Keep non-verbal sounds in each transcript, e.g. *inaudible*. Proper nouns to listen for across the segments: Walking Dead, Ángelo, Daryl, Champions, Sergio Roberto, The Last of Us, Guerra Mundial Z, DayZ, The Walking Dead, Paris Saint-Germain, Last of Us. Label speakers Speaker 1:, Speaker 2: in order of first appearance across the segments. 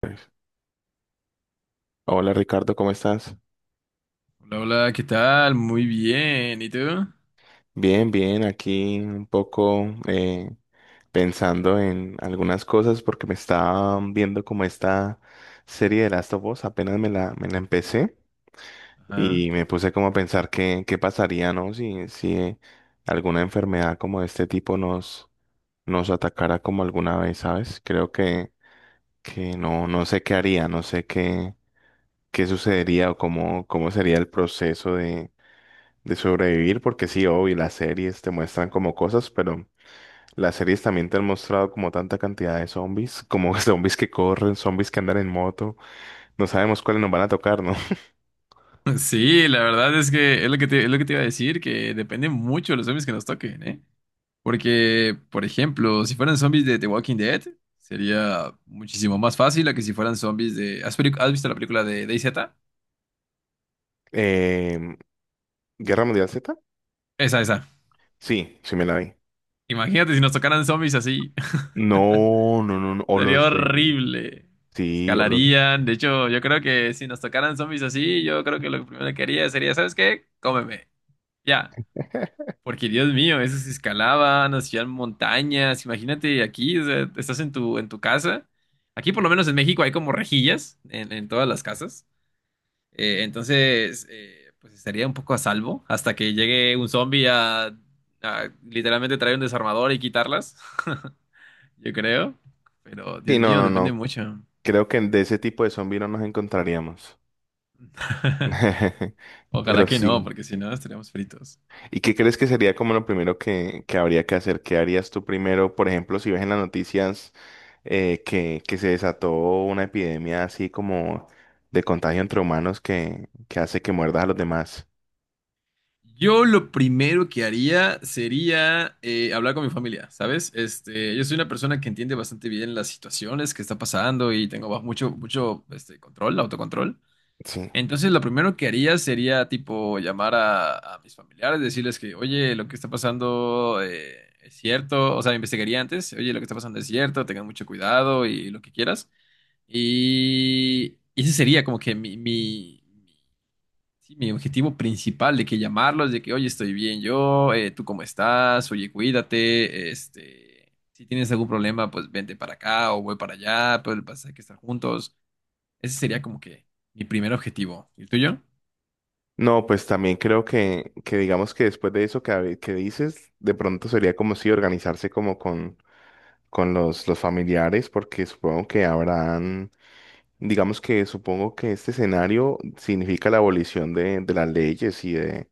Speaker 1: Pues, hola Ricardo, ¿cómo estás?
Speaker 2: Hola, hola, ¿qué tal? Muy bien, ¿y tú?
Speaker 1: Bien, bien, aquí un poco pensando en algunas cosas porque me estaba viendo como esta serie de Last of Us, apenas me la empecé
Speaker 2: Ajá.
Speaker 1: y me puse como a pensar qué pasaría, ¿no? Si alguna enfermedad como de este tipo nos atacara como alguna vez, ¿sabes? Que no sé qué haría, no sé qué, qué sucedería o cómo sería el proceso de sobrevivir, porque sí, obvio, las series te muestran como cosas, pero las series también te han mostrado como tanta cantidad de zombies, como *laughs* zombies que corren, zombies que andan en moto, no sabemos cuáles nos van a tocar, ¿no? *laughs*
Speaker 2: *laughs* Sí, la verdad es que es lo que te iba a decir, que depende mucho de los zombies que nos toquen, ¿eh? Porque, por ejemplo, si fueran zombies de The Walking Dead, sería muchísimo más fácil a que si fueran zombies de... has visto la película de DayZ?
Speaker 1: Eh, ¿Guerra Mundial Z?
Speaker 2: Esa, esa.
Speaker 1: Sí, sí me la vi.
Speaker 2: Imagínate si nos tocaran zombies así,
Speaker 1: No, no, no, no,
Speaker 2: *laughs*
Speaker 1: o
Speaker 2: sería
Speaker 1: los de...
Speaker 2: horrible.
Speaker 1: Sí, o los...
Speaker 2: Escalarían, de hecho, yo creo que si nos tocaran zombies así, yo creo que lo primero que haría sería, ¿sabes qué? Cómeme, ya. Porque Dios mío, esos escalaban, hacían montañas. Imagínate aquí, o sea, estás en tu casa. Aquí, por lo menos en México, hay como rejillas en todas las casas. Entonces, pues estaría un poco a salvo hasta que llegue un zombie a literalmente traer un desarmador y quitarlas. *laughs* Yo creo. Pero,
Speaker 1: Sí,
Speaker 2: Dios
Speaker 1: no,
Speaker 2: mío,
Speaker 1: no,
Speaker 2: depende
Speaker 1: no,
Speaker 2: mucho.
Speaker 1: creo que de ese tipo de zombies no nos encontraríamos.
Speaker 2: *laughs*
Speaker 1: *laughs*
Speaker 2: Ojalá
Speaker 1: Pero
Speaker 2: que no,
Speaker 1: sí.
Speaker 2: porque si no, estaríamos fritos.
Speaker 1: ¿Y qué crees que sería como lo primero que habría que hacer? ¿Qué harías tú primero? Por ejemplo, si ves en las noticias que se desató una epidemia así como de contagio entre humanos que hace que muerdas a los demás.
Speaker 2: Yo lo primero que haría sería hablar con mi familia, ¿sabes? Este, yo soy una persona que entiende bastante bien las situaciones que está pasando y tengo mucho, mucho este, control, autocontrol.
Speaker 1: Sí.
Speaker 2: Entonces, lo primero que haría sería, tipo, llamar a mis familiares, decirles que, oye, lo que está pasando es cierto, o sea, investigaría antes, oye, lo que está pasando es cierto, tengan mucho cuidado y lo que quieras. Y ese sería como que sí, mi objetivo principal de que llamarlos, de que, oye, estoy bien yo, tú cómo estás, oye, cuídate, este, si tienes algún problema, pues vente para acá o voy para allá, pero el pasa es que estar juntos. Ese sería como que mi primer objetivo. ¿Y el tuyo?
Speaker 1: No, pues también creo que digamos que después de eso que, que dices, de pronto sería como si organizarse como con los familiares, porque supongo que habrán. Digamos que supongo que este escenario significa la abolición de las leyes y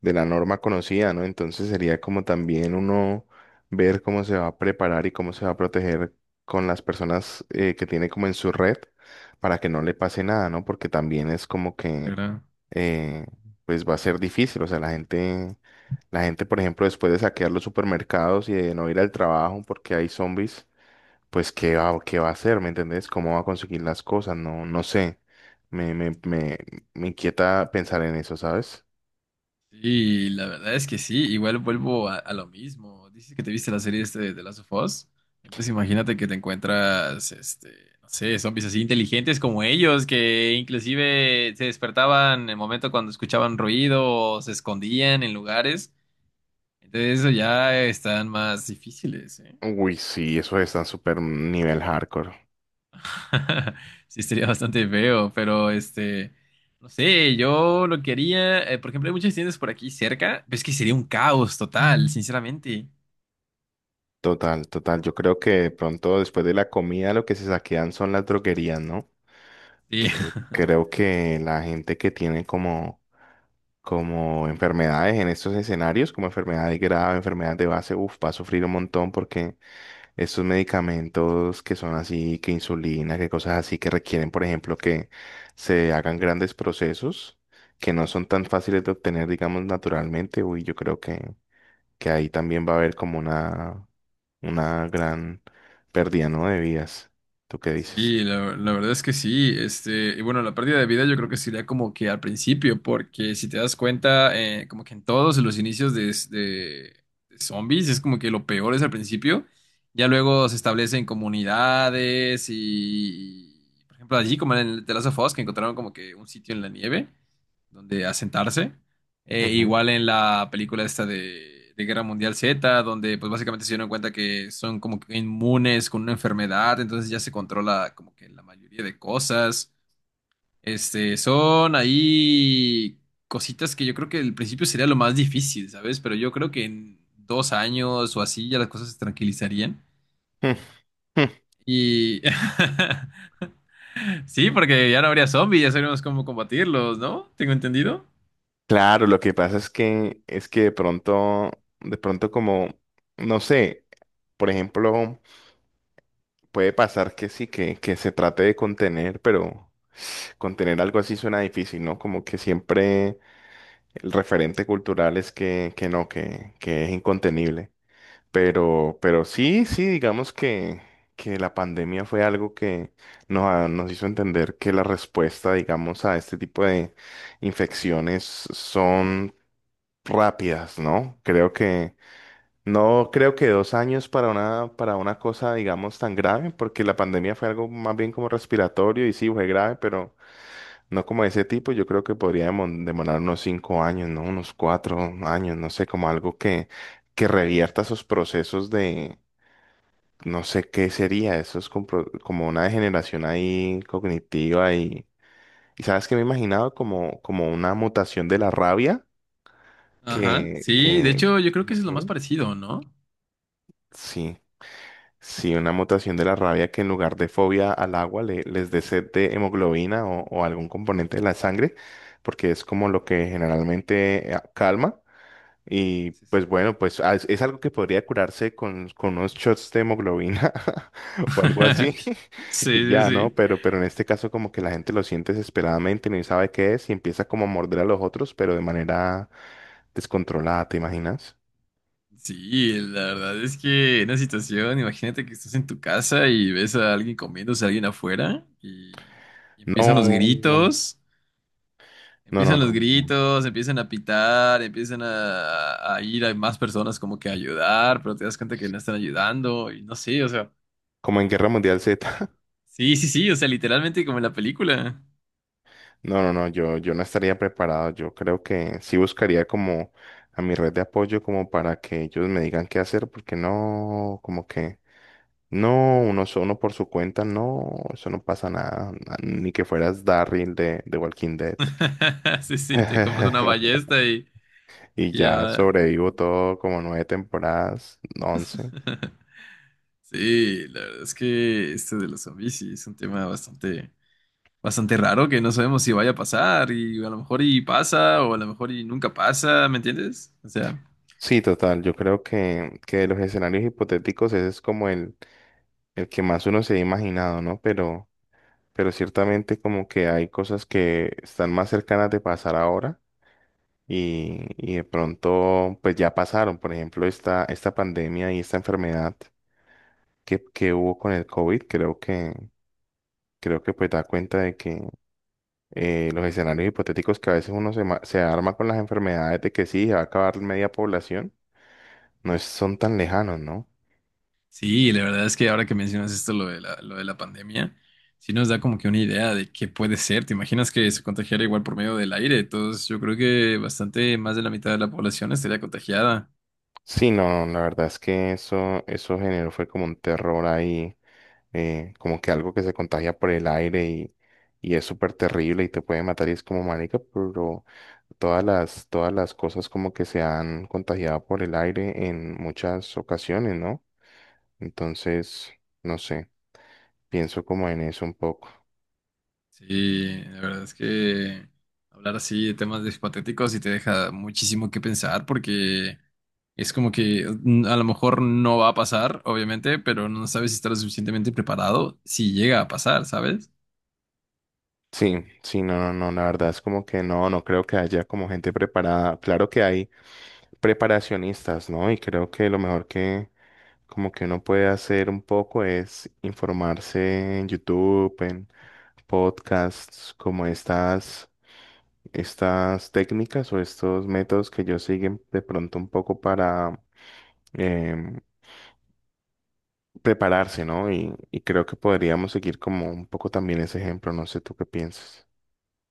Speaker 1: de la norma conocida, ¿no? Entonces sería como también uno ver cómo se va a preparar y cómo se va a proteger con las personas que tiene como en su red para que no le pase nada, ¿no? Porque también es como
Speaker 2: Sí,
Speaker 1: que
Speaker 2: claro.
Speaker 1: eh, pues va a ser difícil, o sea, la gente, por ejemplo, después de saquear los supermercados y de no ir al trabajo porque hay zombies pues qué va a hacer, ¿me entendés? ¿Cómo va a conseguir las cosas? No, no sé. Me, me, me, me inquieta pensar en eso, ¿sabes?
Speaker 2: Sí, la verdad es que sí, igual vuelvo a lo mismo. Dices que te viste la serie este de The Last of Us. Entonces imagínate que te encuentras, este, no sé, zombies así inteligentes como ellos, que inclusive se despertaban en el momento cuando escuchaban ruido o se escondían en lugares. Entonces eso ya están más difíciles, ¿eh?
Speaker 1: Uy, sí, eso está súper nivel hardcore.
Speaker 2: *laughs* Sí, sería bastante feo, pero este, no sé, yo lo quería, por ejemplo, hay muchas tiendas por aquí cerca, pero es que sería un caos total, sinceramente.
Speaker 1: Total, total. Yo creo que de pronto después de la comida lo que se saquean son las droguerías, ¿no?
Speaker 2: Sí, *laughs*
Speaker 1: Creo que la gente que tiene como enfermedades en estos escenarios, como enfermedades graves, enfermedades de base, uf, va a sufrir un montón porque estos medicamentos que son así, que insulina, que cosas así que requieren, por ejemplo, que se hagan grandes procesos que no son tan fáciles de obtener, digamos, naturalmente. Uy, yo creo que ahí también va a haber como una gran pérdida, ¿no? De vidas. ¿Tú qué dices?
Speaker 2: sí, la verdad es que sí. Este, y bueno, la pérdida de vida yo creo que sería como que al principio, porque si te das cuenta, como que en todos los inicios de zombies es como que lo peor es al principio. Ya luego se establecen comunidades por ejemplo, allí como en el The Last of Us, que encontraron como que un sitio en la nieve donde asentarse.
Speaker 1: Ujú.
Speaker 2: Igual en la película esta de Guerra Mundial Z, donde pues básicamente se dieron cuenta que son como que inmunes con una enfermedad, entonces ya se controla como que la mayoría de cosas. Este, son ahí cositas que yo creo que al principio sería lo más difícil, ¿sabes? Pero yo creo que en 2 años o así ya las cosas se tranquilizarían.
Speaker 1: *laughs* Mm, mm.
Speaker 2: Y *laughs* sí, porque ya no habría zombies, ya sabríamos cómo combatirlos, ¿no? Tengo entendido.
Speaker 1: Claro, lo que pasa es que de pronto como, no sé, por ejemplo, puede pasar que sí, que se trate de contener, pero contener algo así suena difícil, ¿no? Como que siempre el referente cultural es que no, que es incontenible. Pero sí, sí, digamos que la pandemia fue algo que nos, nos hizo entender que la respuesta, digamos, a este tipo de infecciones son rápidas, ¿no? Creo que, no creo que 2 años para para una cosa, digamos, tan grave, porque la pandemia fue algo más bien como respiratorio y sí, fue grave, pero... No como ese tipo, yo creo que podríamos demorar unos 5 años, ¿no? Unos 4 años, no sé, como algo que revierta esos procesos de, no sé qué sería, eso es como, una degeneración ahí cognitiva y ¿sabes qué me he imaginado? Como, como una mutación de la rabia
Speaker 2: Ajá,
Speaker 1: que,
Speaker 2: sí, de
Speaker 1: que,
Speaker 2: hecho yo creo que eso es lo más
Speaker 1: ujú,
Speaker 2: parecido, ¿no?
Speaker 1: sí, sí, una mutación de la rabia que en lugar de fobia al agua les dé sed de hemoglobina o algún componente de la sangre, porque es como lo que generalmente calma. Y
Speaker 2: Sí, sí.
Speaker 1: pues bueno, pues ah, es algo que podría curarse con unos shots de hemoglobina *laughs* o algo así.
Speaker 2: *laughs*
Speaker 1: *laughs* Y
Speaker 2: Sí, sí,
Speaker 1: ya, ¿no?
Speaker 2: sí.
Speaker 1: Pero en este caso como que la gente lo siente desesperadamente, no sabe qué es y empieza como a morder a los otros, pero de manera descontrolada, ¿te imaginas?
Speaker 2: Sí, la verdad es que en una situación, imagínate que estás en tu casa y ves a alguien comiéndose a alguien afuera , y empiezan los
Speaker 1: No, no,
Speaker 2: gritos,
Speaker 1: no, no.
Speaker 2: empiezan
Speaker 1: no.
Speaker 2: los
Speaker 1: no.
Speaker 2: gritos, empiezan a pitar, empiezan a ir a más personas como que a ayudar, pero te das cuenta que no están ayudando y no sé, o sea,
Speaker 1: Como en Guerra Mundial Z.
Speaker 2: sí, sí, sí, o sea, literalmente como en la película.
Speaker 1: No, no, no, yo no estaría preparado. Yo creo que sí buscaría como a mi red de apoyo como para que ellos me digan qué hacer, porque no, como que no, uno solo por su cuenta, no, eso no pasa nada, ni que fueras Daryl de Walking Dead.
Speaker 2: *laughs* Sí, sí, te compras una
Speaker 1: *laughs*
Speaker 2: ballesta
Speaker 1: Y
Speaker 2: y
Speaker 1: ya
Speaker 2: ya.
Speaker 1: sobrevivo todo como 9 temporadas, 11.
Speaker 2: *laughs* Sí, la verdad es que este de los zombies sí es un tema bastante, bastante raro que no sabemos si vaya a pasar y a lo mejor y pasa o a lo mejor y nunca pasa, ¿me entiendes? O sea,
Speaker 1: Sí, total, yo creo que de los escenarios hipotéticos ese es como el que más uno se ha imaginado, ¿no? Pero ciertamente como que hay cosas que están más cercanas de pasar ahora y de pronto pues ya pasaron. Por ejemplo, esta pandemia y esta enfermedad que hubo con el COVID, creo que pues da cuenta de que los escenarios hipotéticos que a veces uno se, se arma con las enfermedades de que sí, se va a acabar media población, no es- son tan lejanos, ¿no?
Speaker 2: sí, la verdad es que ahora que mencionas esto, lo de la pandemia, sí nos da como que una idea de qué puede ser. ¿Te imaginas que se contagiara igual por medio del aire? Entonces yo creo que bastante más de la mitad de la población estaría contagiada.
Speaker 1: Sí, no, la verdad es que eso generó fue como un terror ahí como que algo que se contagia por el aire y es súper terrible y te puede matar y es como marica, pero todas las cosas como que se han contagiado por el aire en muchas ocasiones, ¿no? Entonces, no sé, pienso como en eso un poco.
Speaker 2: Sí, la verdad es que hablar así de temas de hipotéticos sí te deja muchísimo que pensar porque es como que mm, a lo mejor no va a pasar, obviamente, pero no sabes si estás lo suficientemente preparado si llega a pasar, ¿sabes?
Speaker 1: Sí, sí, no, no, no, la verdad es como que no, no creo que haya como gente preparada. Claro que hay preparacionistas, ¿no? Y creo que lo mejor como que uno puede hacer un poco es informarse en YouTube, en podcasts, como estas técnicas o estos métodos que ellos siguen de pronto un poco para em, prepararse, ¿no? Y creo que podríamos seguir como un poco también ese ejemplo, no sé tú qué piensas.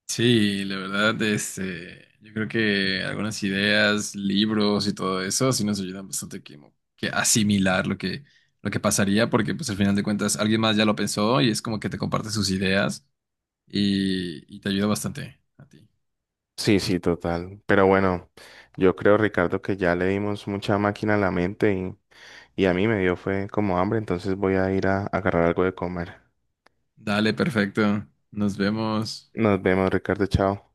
Speaker 2: Sí, la verdad, este, yo creo que algunas ideas, libros y todo eso sí nos ayudan bastante que asimilar lo que pasaría porque pues al final de cuentas alguien más ya lo pensó y es como que te comparte sus ideas y te ayuda bastante a ti.
Speaker 1: Sí, sí, total. Pero bueno, yo creo, Ricardo, que ya le dimos mucha máquina a la mente y a mí me dio fue como hambre, entonces voy a ir a agarrar algo de comer.
Speaker 2: Dale, perfecto. Nos vemos.
Speaker 1: Nos vemos, Ricardo, chao.